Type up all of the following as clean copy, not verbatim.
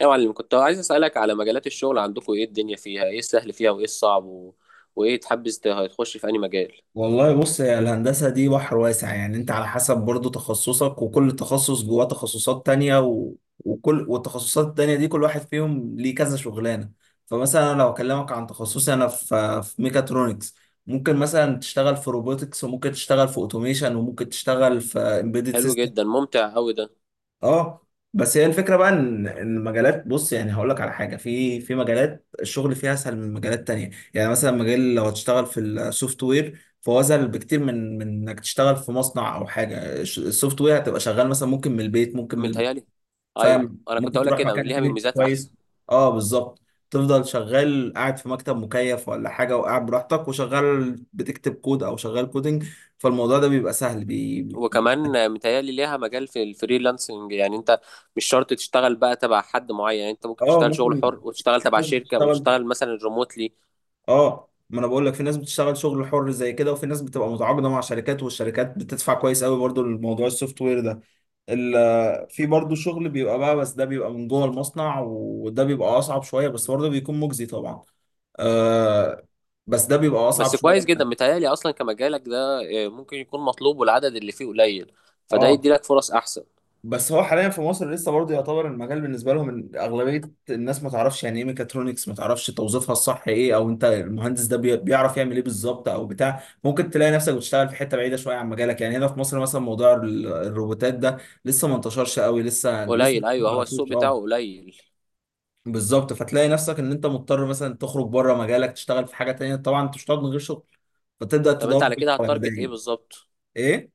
يا معلم، كنت عايز أسألك على مجالات الشغل عندكم. إيه الدنيا فيها؟ إيه السهل فيها وإيه الصعب وإيه تحبذ تخش في أي مجال؟ والله بص يا الهندسة دي بحر واسع، يعني انت على حسب برضو تخصصك، وكل تخصص جواه تخصصات تانية وكل والتخصصات التانية دي كل واحد فيهم ليه كذا شغلانة. فمثلا أنا لو اكلمك عن تخصصي انا في ميكاترونكس، ممكن مثلا تشتغل في روبوتكس، وممكن تشتغل في اوتوميشن، وممكن تشتغل في امبيدد حلو سيستم. جدا، ممتع أوي ده. اه، بس هي الفكره بقى ان المجالات، بص يعني هقول لك على حاجه، في مجالات الشغل فيها اسهل من مجالات تانية. يعني مثلا مجال لو هتشتغل في السوفت وير فهو اسهل بكتير من انك تشتغل في مصنع او حاجه. السوفت وير هتبقى شغال مثلا ممكن من البيت، ممكن من متهيألي أيوه، فاهم؟ أنا كنت ممكن أقولك تروح كده مكان ليها فيه من نت ميزات كويس. أحسن. اه بالظبط، تفضل شغال قاعد في مكتب مكيف ولا حاجه، وقاعد براحتك وشغال بتكتب كود او شغال كودنج. فالموضوع ده بيبقى سهل بي... وكمان متهيألي ليها مجال في الفريلانسنج، يعني أنت مش شرط تشتغل بقى تبع حد معين، يعني أنت ممكن اه تشتغل شغل ممكن. حر وتشتغل في تبع ناس شركة بتشتغل، وتشتغل مثلا ريموتلي. اه، ما انا بقول لك في ناس بتشتغل شغل حر زي كده، وفي ناس بتبقى متعاقده مع شركات، والشركات بتدفع كويس قوي برضو لموضوع السوفت وير ده. في برضو شغل بيبقى بقى، بس ده بيبقى من جوه المصنع، وده بيبقى اصعب شويه، بس برضو بيكون مجزي طبعا. آه، بس ده بيبقى اصعب بس شويه. كويس جدا متهيألي أصلا كمجالك ده. ممكن يكون مطلوب والعدد اللي فيه قليل، فده اه، يدي لك فرص أحسن. بس هو حاليا في مصر لسه برضه يعتبر المجال بالنسبه لهم، إن اغلبيه الناس ما تعرفش يعني ايه ميكاترونكس، ما تعرفش توظيفها الصح ايه، او انت المهندس ده بيعرف يعمل ايه بالظبط او بتاع. ممكن تلاقي نفسك بتشتغل في حته بعيده شويه عن مجالك، يعني هنا في مصر مثلا موضوع الروبوتات ده لسه ما انتشرش قوي، لسه قليل، ما ايوه، هو السوق تعرفوش. بتاعه اه قليل. بالظبط، فتلاقي نفسك ان انت مضطر مثلا تخرج بره مجالك تشتغل في حاجه تانيه، طبعا انت مش هتقعد من غير شغل، فتبدا طب انت تدور على في كده هتارجت ايه الحوالي. بالظبط؟ ايه؟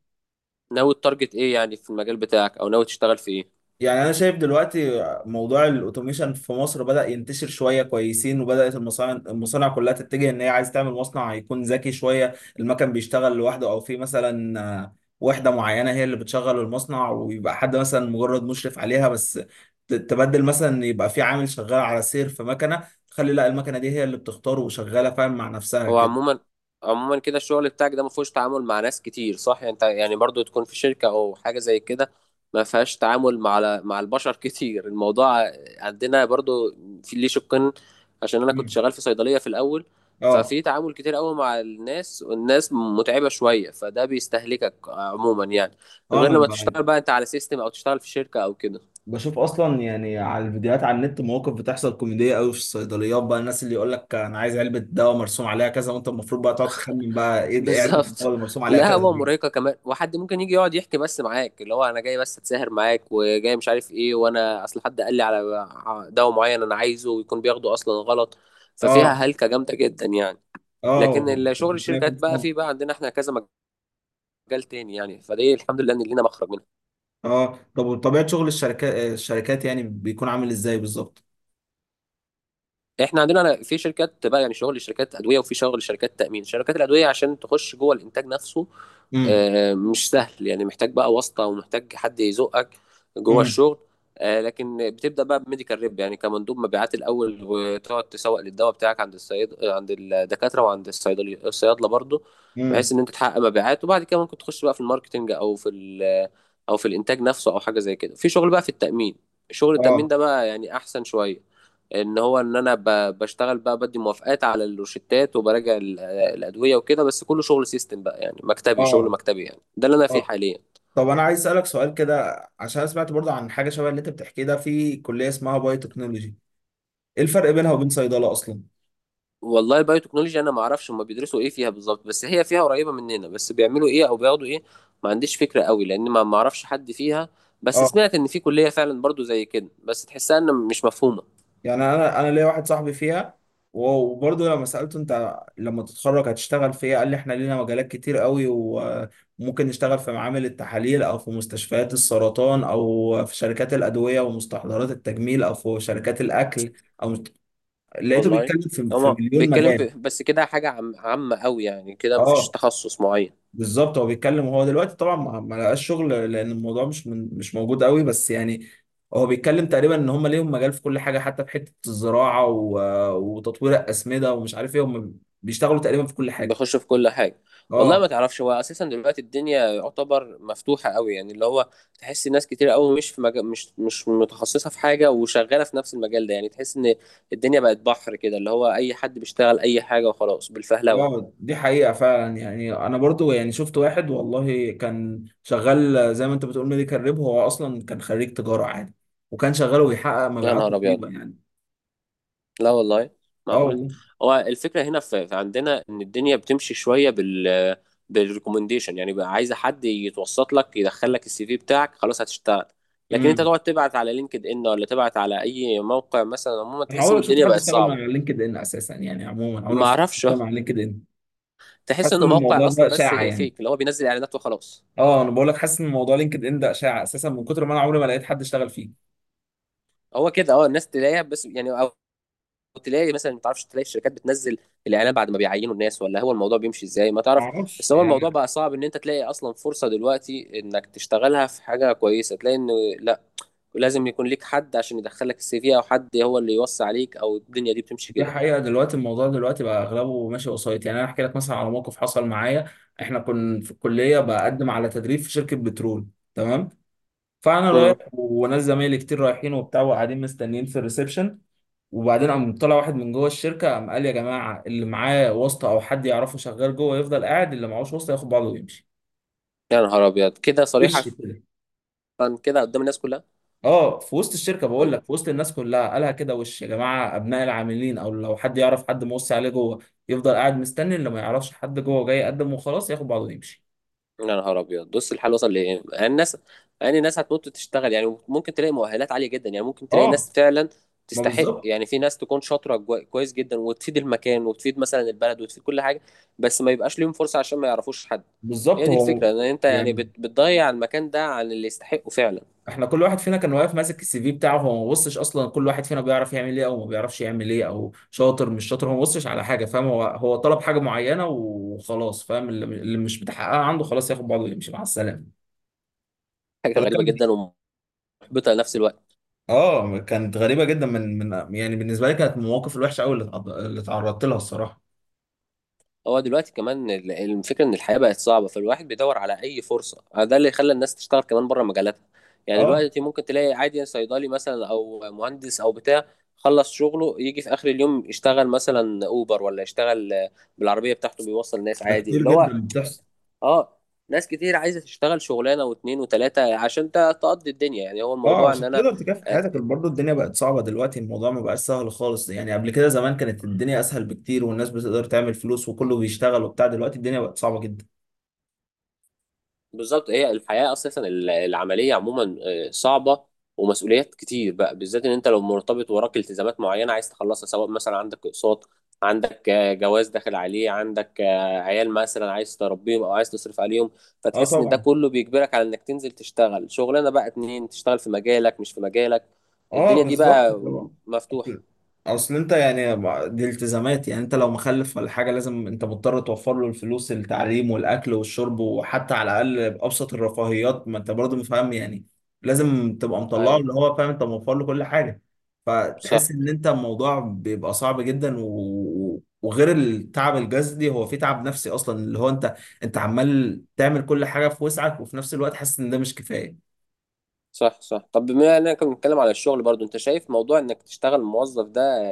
ناوي تارجت ايه يعني في المجال بتاعك، او ناوي تشتغل في ايه؟ يعني انا شايف دلوقتي موضوع الاوتوميشن في مصر بدأ ينتشر شويه كويسين، وبدأت المصانع كلها تتجه ان هي عايز تعمل مصنع هيكون ذكي شويه. المكن بيشتغل لوحده، او في مثلا آه، وحده معينه هي اللي بتشغل المصنع، ويبقى حد مثلا مجرد مشرف عليها بس. تبدل مثلا يبقى في عامل شغال على سير في مكنه، تخلي لا المكنه دي هي اللي بتختار وشغاله، فاهم؟ مع نفسها هو كده. عموما، عموما كده الشغل بتاعك ده ما فيهوش تعامل مع ناس كتير، صح؟ يعني انت يعني برضو تكون في شركة او حاجة زي كده ما فيهاش تعامل مع البشر كتير. الموضوع عندنا برضو في ليه شقين، عشان انا كنت مم. شغال في صيدلية في الاول، اه. ففي تعامل كتير قوي مع الناس، والناس متعبة شوية، فده بيستهلكك عموما يعني. غير انا لما معاك. تشتغل بقى انت على سيستم او تشتغل في شركة او كده. بشوف اصلا يعني على الفيديوهات على النت مواقف بتحصل كوميديه قوي في الصيدليات بقى، الناس اللي يقول لك انا عايز علبه دواء مرسوم عليها كذا، وانت المفروض بقى تقعد تخمن بقى ايه ايه علبه الدواء بالظبط. اللي مرسوم عليها كذا القهوة دي. مرهقة كمان، وحد ممكن يجي يقعد يحكي بس معاك، اللي هو انا جاي بس اتساهر معاك، وجاي مش عارف ايه، وانا اصل حد قال لي على دواء معين انا عايزه، ويكون بياخده اصلا غلط، ففيها اه. هلكة جامدة جدا يعني. لكن اه شغل ربنا يكون الشركات في بقى، عونك. فيه بقى عندنا احنا كذا مجال تاني يعني، فدي الحمد لله ان لينا مخرج منها. اه، طب وطبيعه شغل الشركات، الشركات يعني بيكون عامل ازاي بالظبط؟ احنا عندنا في شركات بقى، يعني شغل شركات ادوية وفي شغل شركات تأمين. شركات الادوية عشان تخش جوه الانتاج نفسه، امم. مش سهل يعني، محتاج بقى واسطة ومحتاج حد يزقك جوه امم. الشغل. لكن بتبدأ بقى بميديكال ريب، يعني كمندوب مبيعات الأول، وتقعد تسوق للدواء بتاعك عند الصيد، عند الدكاترة وعند الصيدلي الصيادلة برضو، بحيث امم. إن أنت تحقق مبيعات. وبعد كده ممكن تخش بقى في الماركتينج، أو في أو في الإنتاج نفسه، أو حاجة زي كده. في شغل بقى في التأمين، شغل اه. التأمين ده بقى يعني أحسن شوية، ان هو ان انا بشتغل بقى بدي موافقات على الروشتات، وبراجع الادويه وكده، بس كله شغل سيستم بقى يعني، مكتبي، شغل اه. مكتبي يعني، ده اللي انا فيه آه. حاليا. طب انا عايز اسالك سؤال كده، عشان أنا سمعت برضه عن حاجه شبه اللي انت بتحكيه ده، في كليه اسمها بايو تكنولوجي، ايه الفرق بينها وبين صيدله اصلا؟ والله البايو تكنولوجي انا ما اعرفش هم بيدرسوا ايه فيها بالظبط. بس هي فيها قريبه مننا، بس بيعملوا ايه او بياخدوا ايه ما عنديش فكره قوي، لان ما اعرفش حد فيها. بس اه، سمعت ان في كليه فعلا برضو زي كده، بس تحسها ان مش مفهومه. يعني انا ليا واحد صاحبي فيها، وبرضه لما سالته انت لما تتخرج هتشتغل في ايه، قال لي احنا لينا مجالات كتير قوي، وممكن نشتغل في معامل التحاليل، او في مستشفيات السرطان، او في شركات الادويه ومستحضرات التجميل، او في شركات الاكل، او لقيته والله بيتكلم في في هما مليون بيتكلم مجال. بس كده حاجه عامه قوي يعني، كده مفيش اه تخصص معين. بالظبط، هو بيتكلم وهو دلوقتي طبعا ما لقاش شغل، لان الموضوع مش من مش موجود قوي، بس يعني هو بيتكلم تقريبا ان هم ليهم مجال في كل حاجه، حتى في حته الزراعه وتطوير الاسمده ومش عارف ايه، هم بيشتغلوا تقريبا في كل حاجه. بيخش في كل حاجه. والله ما اه. تعرفش، هو اساسا دلوقتي الدنيا يعتبر مفتوحه قوي، يعني اللي هو تحس ناس كتير قوي مش في مجال، مش متخصصه في حاجه وشغاله في نفس المجال ده، يعني تحس ان الدنيا بقت بحر كده، اللي هو اي حد بيشتغل اي حاجه وخلاص بالفهلوه. اه دي حقيقه فعلا، يعني انا برضو يعني شفت واحد والله كان شغال زي ما انت بتقول ميديكال ريب، هو اصلا كان خريج تجاره عادي، وكان شغال وبيحقق يا مبيعات نهار ابيض، رهيبه يعني. لا والله، اه معقولة. والله. هو الفكرة هنا في عندنا إن الدنيا بتمشي شوية بالريكومنديشن، يعني بقى عايزة حد يتوسط لك، يدخل لك السي في بتاعك خلاص هتشتغل. لكن أنت امم. تقعد تبعت على لينكد إن، ولا تبعت على أي موقع مثلا عموما، انا تحس عمري إن ما شفت الدنيا حد بقت اشتغل مع صعبة. لينكد ان اساسا، يعني عموما عمري ما شفت حد معرفش اشتغل مع لينكد ان. تحس حاسس إنه ان الموضوع موقع ده أصلا بس اشاعه يعني. فيك اللي هو بينزل إعلانات وخلاص. اه انا بقول لك حاسس ان موضوع لينكد ان ده اشاعه اساسا، من كتر ما انا عمري ما لقيت حد اشتغل فيه. هو كده أه، الناس تلاقيها بس يعني، تلاقي مثلا ما تعرفش، تلاقي الشركات بتنزل الاعلان بعد ما بيعينوا الناس، ولا هو الموضوع بيمشي ازاي ما ما تعرف. اعرفش بس هو يعني. الموضوع بقى صعب ان انت تلاقي اصلا فرصة دلوقتي انك تشتغلها في حاجة كويسة، تلاقي ان لا، لازم يكون ليك حد عشان يدخلك السي في، او حد هو اللي يوصي عليك، او الدنيا دي بتمشي دي كده. حقيقه، دلوقتي الموضوع دلوقتي بقى اغلبه ماشي وسايط. يعني انا احكي لك مثلا على موقف حصل معايا، احنا كنا في الكليه بقدم على تدريب في شركه بترول، تمام؟ فانا رايح امم. وناس زمايلي كتير رايحين وبتاع، وقاعدين مستنيين في الريسبشن. وبعدين قام طلع واحد من جوه الشركه قام قال يا جماعه، اللي معاه واسطه او حد يعرفه شغال جوه يفضل قاعد، اللي معهوش واسطه ياخد بعضه ويمشي. يا نهار ابيض، كده صريحة؟ وش كده. كده قدام الناس كلها؟ اه، في وسط الشركه بقول لك، في وسط الناس كلها قالها كده وش، يا جماعه ابناء العاملين او لو حد يعرف حد موصي عليه جوه يفضل قاعد مستني، اللي ما يعرفش حد جوه جاي يقدم وخلاص ياخد بعضه ويمشي. يا نهار ابيض، بص الحال وصل لايه، يعني الناس، يعني الناس هتموت تشتغل. يعني ممكن تلاقي مؤهلات عاليه جدا، يعني ممكن تلاقي اه. ناس فعلا ما تستحق، بالظبط. يعني في ناس تكون شاطره كويس جدا، وتفيد المكان وتفيد مثلا البلد وتفيد كل حاجه، بس ما يبقاش ليهم فرصه عشان ما يعرفوش حد. هي بالظبط دي هو الفكره، ان انت يعني يعني، بتضيع المكان ده عن اللي يستحقه فعلا. احنا كل واحد فينا كان واقف ماسك السي في بتاعه، هو ما بصش اصلا كل واحد فينا بيعرف يعمل ايه او ما بيعرفش يعمل ايه، او شاطر مش شاطر، هو ما بصش على حاجه، فاهم؟ هو طلب حاجه معينه وخلاص، فاهم؟ اللي مش بتحققها عنده خلاص ياخد بعضه ويمشي مع السلامه. حاجه فده غريبه كان جدا، ومحبطه لنفس الوقت. اه، كانت غريبه جدا من يعني بالنسبه لي، كانت من المواقف الوحشه قوي اللي اتعرضت لها الصراحه. هو دلوقتي كمان الفكرة ان الحياة بقت صعبة، فالواحد بيدور على اي فرصة، ده اللي خلى الناس تشتغل كمان بره مجالاتها. يعني اه، دلوقتي ممكن تلاقي عادي صيدلي مثلا او مهندس او بتاع خلص شغله يجي في اخر اليوم يشتغل مثلا اوبر، ولا يشتغل بالعربية بتاعته بيوصل ناس ده عادي كتير اللي هو. جدا بتحصل. اه، ناس كتير عايزة تشتغل شغلانة واتنين وتلاتة عشان تقضي الدنيا يعني، هو اه الموضوع ان عشان انا تقدر تكافح آه، حياتك، برضه الدنيا بقت صعبة دلوقتي، الموضوع ما بقاش سهل خالص يعني، قبل كده زمان كانت الدنيا اسهل بكتير والناس بتقدر تعمل فلوس وكله بيشتغل وبتاع، دلوقتي الدنيا بقت صعبة جدا. بالظبط. هي الحياة أساسا العملية عموما صعبة، ومسؤوليات كتير بقى، بالذات إن أنت لو مرتبط وراك التزامات معينة عايز تخلصها، سواء مثلا عندك أقساط، عندك جواز داخل عليه، عندك عيال مثلا عايز تربيهم أو عايز تصرف عليهم، اه فتحس إن ده طبعا. كله بيجبرك على إنك تنزل تشتغل شغلانة بقى اتنين، تشتغل في مجالك مش في مجالك، اه الدنيا دي بالظبط بقى اللي هو مفتوحة. اصل، أصل انت يعني ما- دي التزامات، يعني انت لو مخلف ولا حاجه لازم، انت مضطر توفر له الفلوس التعليم والاكل والشرب، وحتى على الاقل ابسط الرفاهيات، ما انت برضه فاهم يعني، لازم تبقى مطلعه أيوه. اللي هو فاهم انت موفر له كل حاجه. فتحس صح ان انت الموضوع بيبقى صعب جدا، وغير التعب الجسدي هو في تعب نفسي اصلا، اللي هو انت عمال تعمل كل حاجه في وسعك، وفي نفس الوقت حاسس ان ده مش كفايه. صح صح. طب بما اننا كنا بنتكلم على الشغل برضو، انت شايف موضوع انك تشتغل موظف ده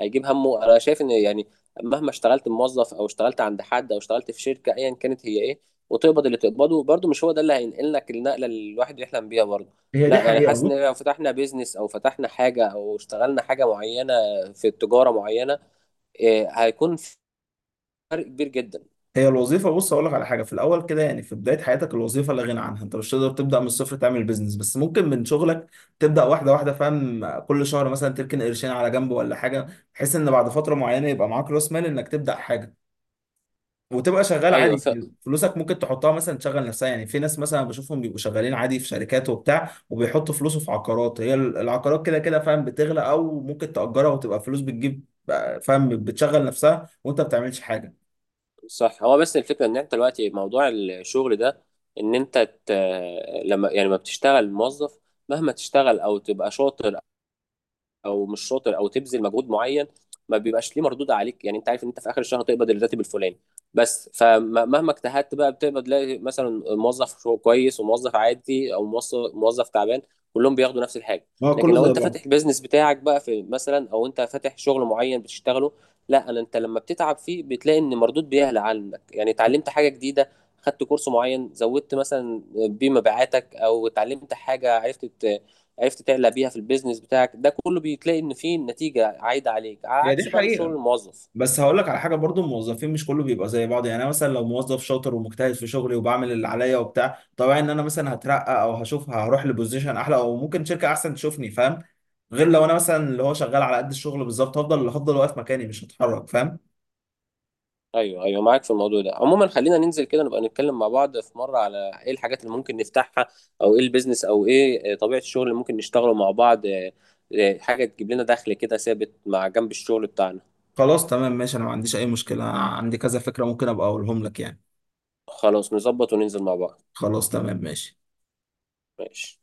هيجيب همه؟ انا شايف ان يعني مهما اشتغلت موظف، او اشتغلت عند حد، او اشتغلت في شركة ايا كانت هي ايه، وتقبض اللي تقبضه، برضو مش هو ده اللي هينقل لك النقلة اللي الواحد يحلم بيها برضو. هي دي لا، يعني حقيقة. حاسس ان لو فتحنا بيزنس، او فتحنا حاجة، او اشتغلنا حاجة معينة في التجارة معينة، إيه هيكون فرق كبير جدا. هي الوظيفة بص أقول لك على حاجة، في الأول كده يعني في بداية حياتك الوظيفة لا غنى عنها، أنت مش تقدر تبدأ من الصفر تعمل بيزنس، بس ممكن من شغلك تبدأ واحدة واحدة، فاهم؟ كل شهر مثلا تركن قرشين على جنب ولا حاجة، بحيث إن بعد فترة معينة يبقى معاك رأس مال إنك تبدأ حاجة. وتبقى شغال ايوه، عادي يعني، فلوسك ممكن تحطها مثلا تشغل نفسها، يعني في ناس مثلا بشوفهم بيبقوا شغالين عادي في شركات وبتاع، وبيحطوا فلوسه في عقارات، هي العقارات كده كده فاهم بتغلى، أو ممكن تأجرها وتبقى فلوس بتجيب، فاهم؟ بتشغل نفسها وأنت ما بتعملش حاجة. صح. هو بس الفكرة ان انت دلوقتي موضوع الشغل ده، ان انت ت... لما يعني ما بتشتغل موظف، مهما تشتغل او تبقى شاطر، او مش شاطر، او تبذل مجهود معين، ما بيبقاش ليه مردود عليك، يعني انت عارف ان انت في اخر الشهر هتقبض الراتب الفلاني بس، فمهما اجتهدت بقى بتقبض، تلاقي مثلا موظف كويس، وموظف عادي، او موظف تعبان، كلهم بياخدوا نفس الحاجه. ما هو لكن كله لو زي انت بعض. فاتح البيزنس بتاعك بقى في مثلا، او انت فاتح شغل معين بتشتغله، لا انا، انت لما بتتعب فيه بتلاقي ان مردود بيعلى عنك، يعني اتعلمت حاجه جديده، خدت كورس معين زودت مثلا بيه مبيعاتك، او اتعلمت حاجه عرفت تعلق بيها في البيزنس بتاعك، ده كله بيتلاقي ان فيه نتيجه عايده عليك، على هي دي عكس بقى شغل حقيقة، الموظف. بس هقول لك على حاجه برضو، الموظفين مش كله بيبقى زي بعض، يعني انا مثلا لو موظف شاطر ومجتهد في شغلي وبعمل اللي عليا وبتاع، طبيعي ان انا مثلا هترقى او هشوف هروح لبوزيشن احلى، او ممكن شركه احسن تشوفني، فاهم؟ غير لو انا مثلا اللي هو شغال على قد الشغل بالظبط، هفضل اللي هفضل واقف مكاني مش هتحرك، فاهم؟ ايوه ايوه، معاك في الموضوع ده. عموما خلينا ننزل كده، نبقى نتكلم مع بعض في مره على ايه الحاجات اللي ممكن نفتحها، او ايه البيزنس، او ايه طبيعه الشغل اللي ممكن نشتغله مع بعض، حاجه تجيب لنا دخل كده ثابت مع جنب الشغل بتاعنا. خلاص تمام ماشي، انا ما عنديش اي مشكله، أنا عندي كذا فكره ممكن ابقى اقولهم لك يعني. خلاص، نظبط وننزل مع بعض. خلاص تمام ماشي. ماشي.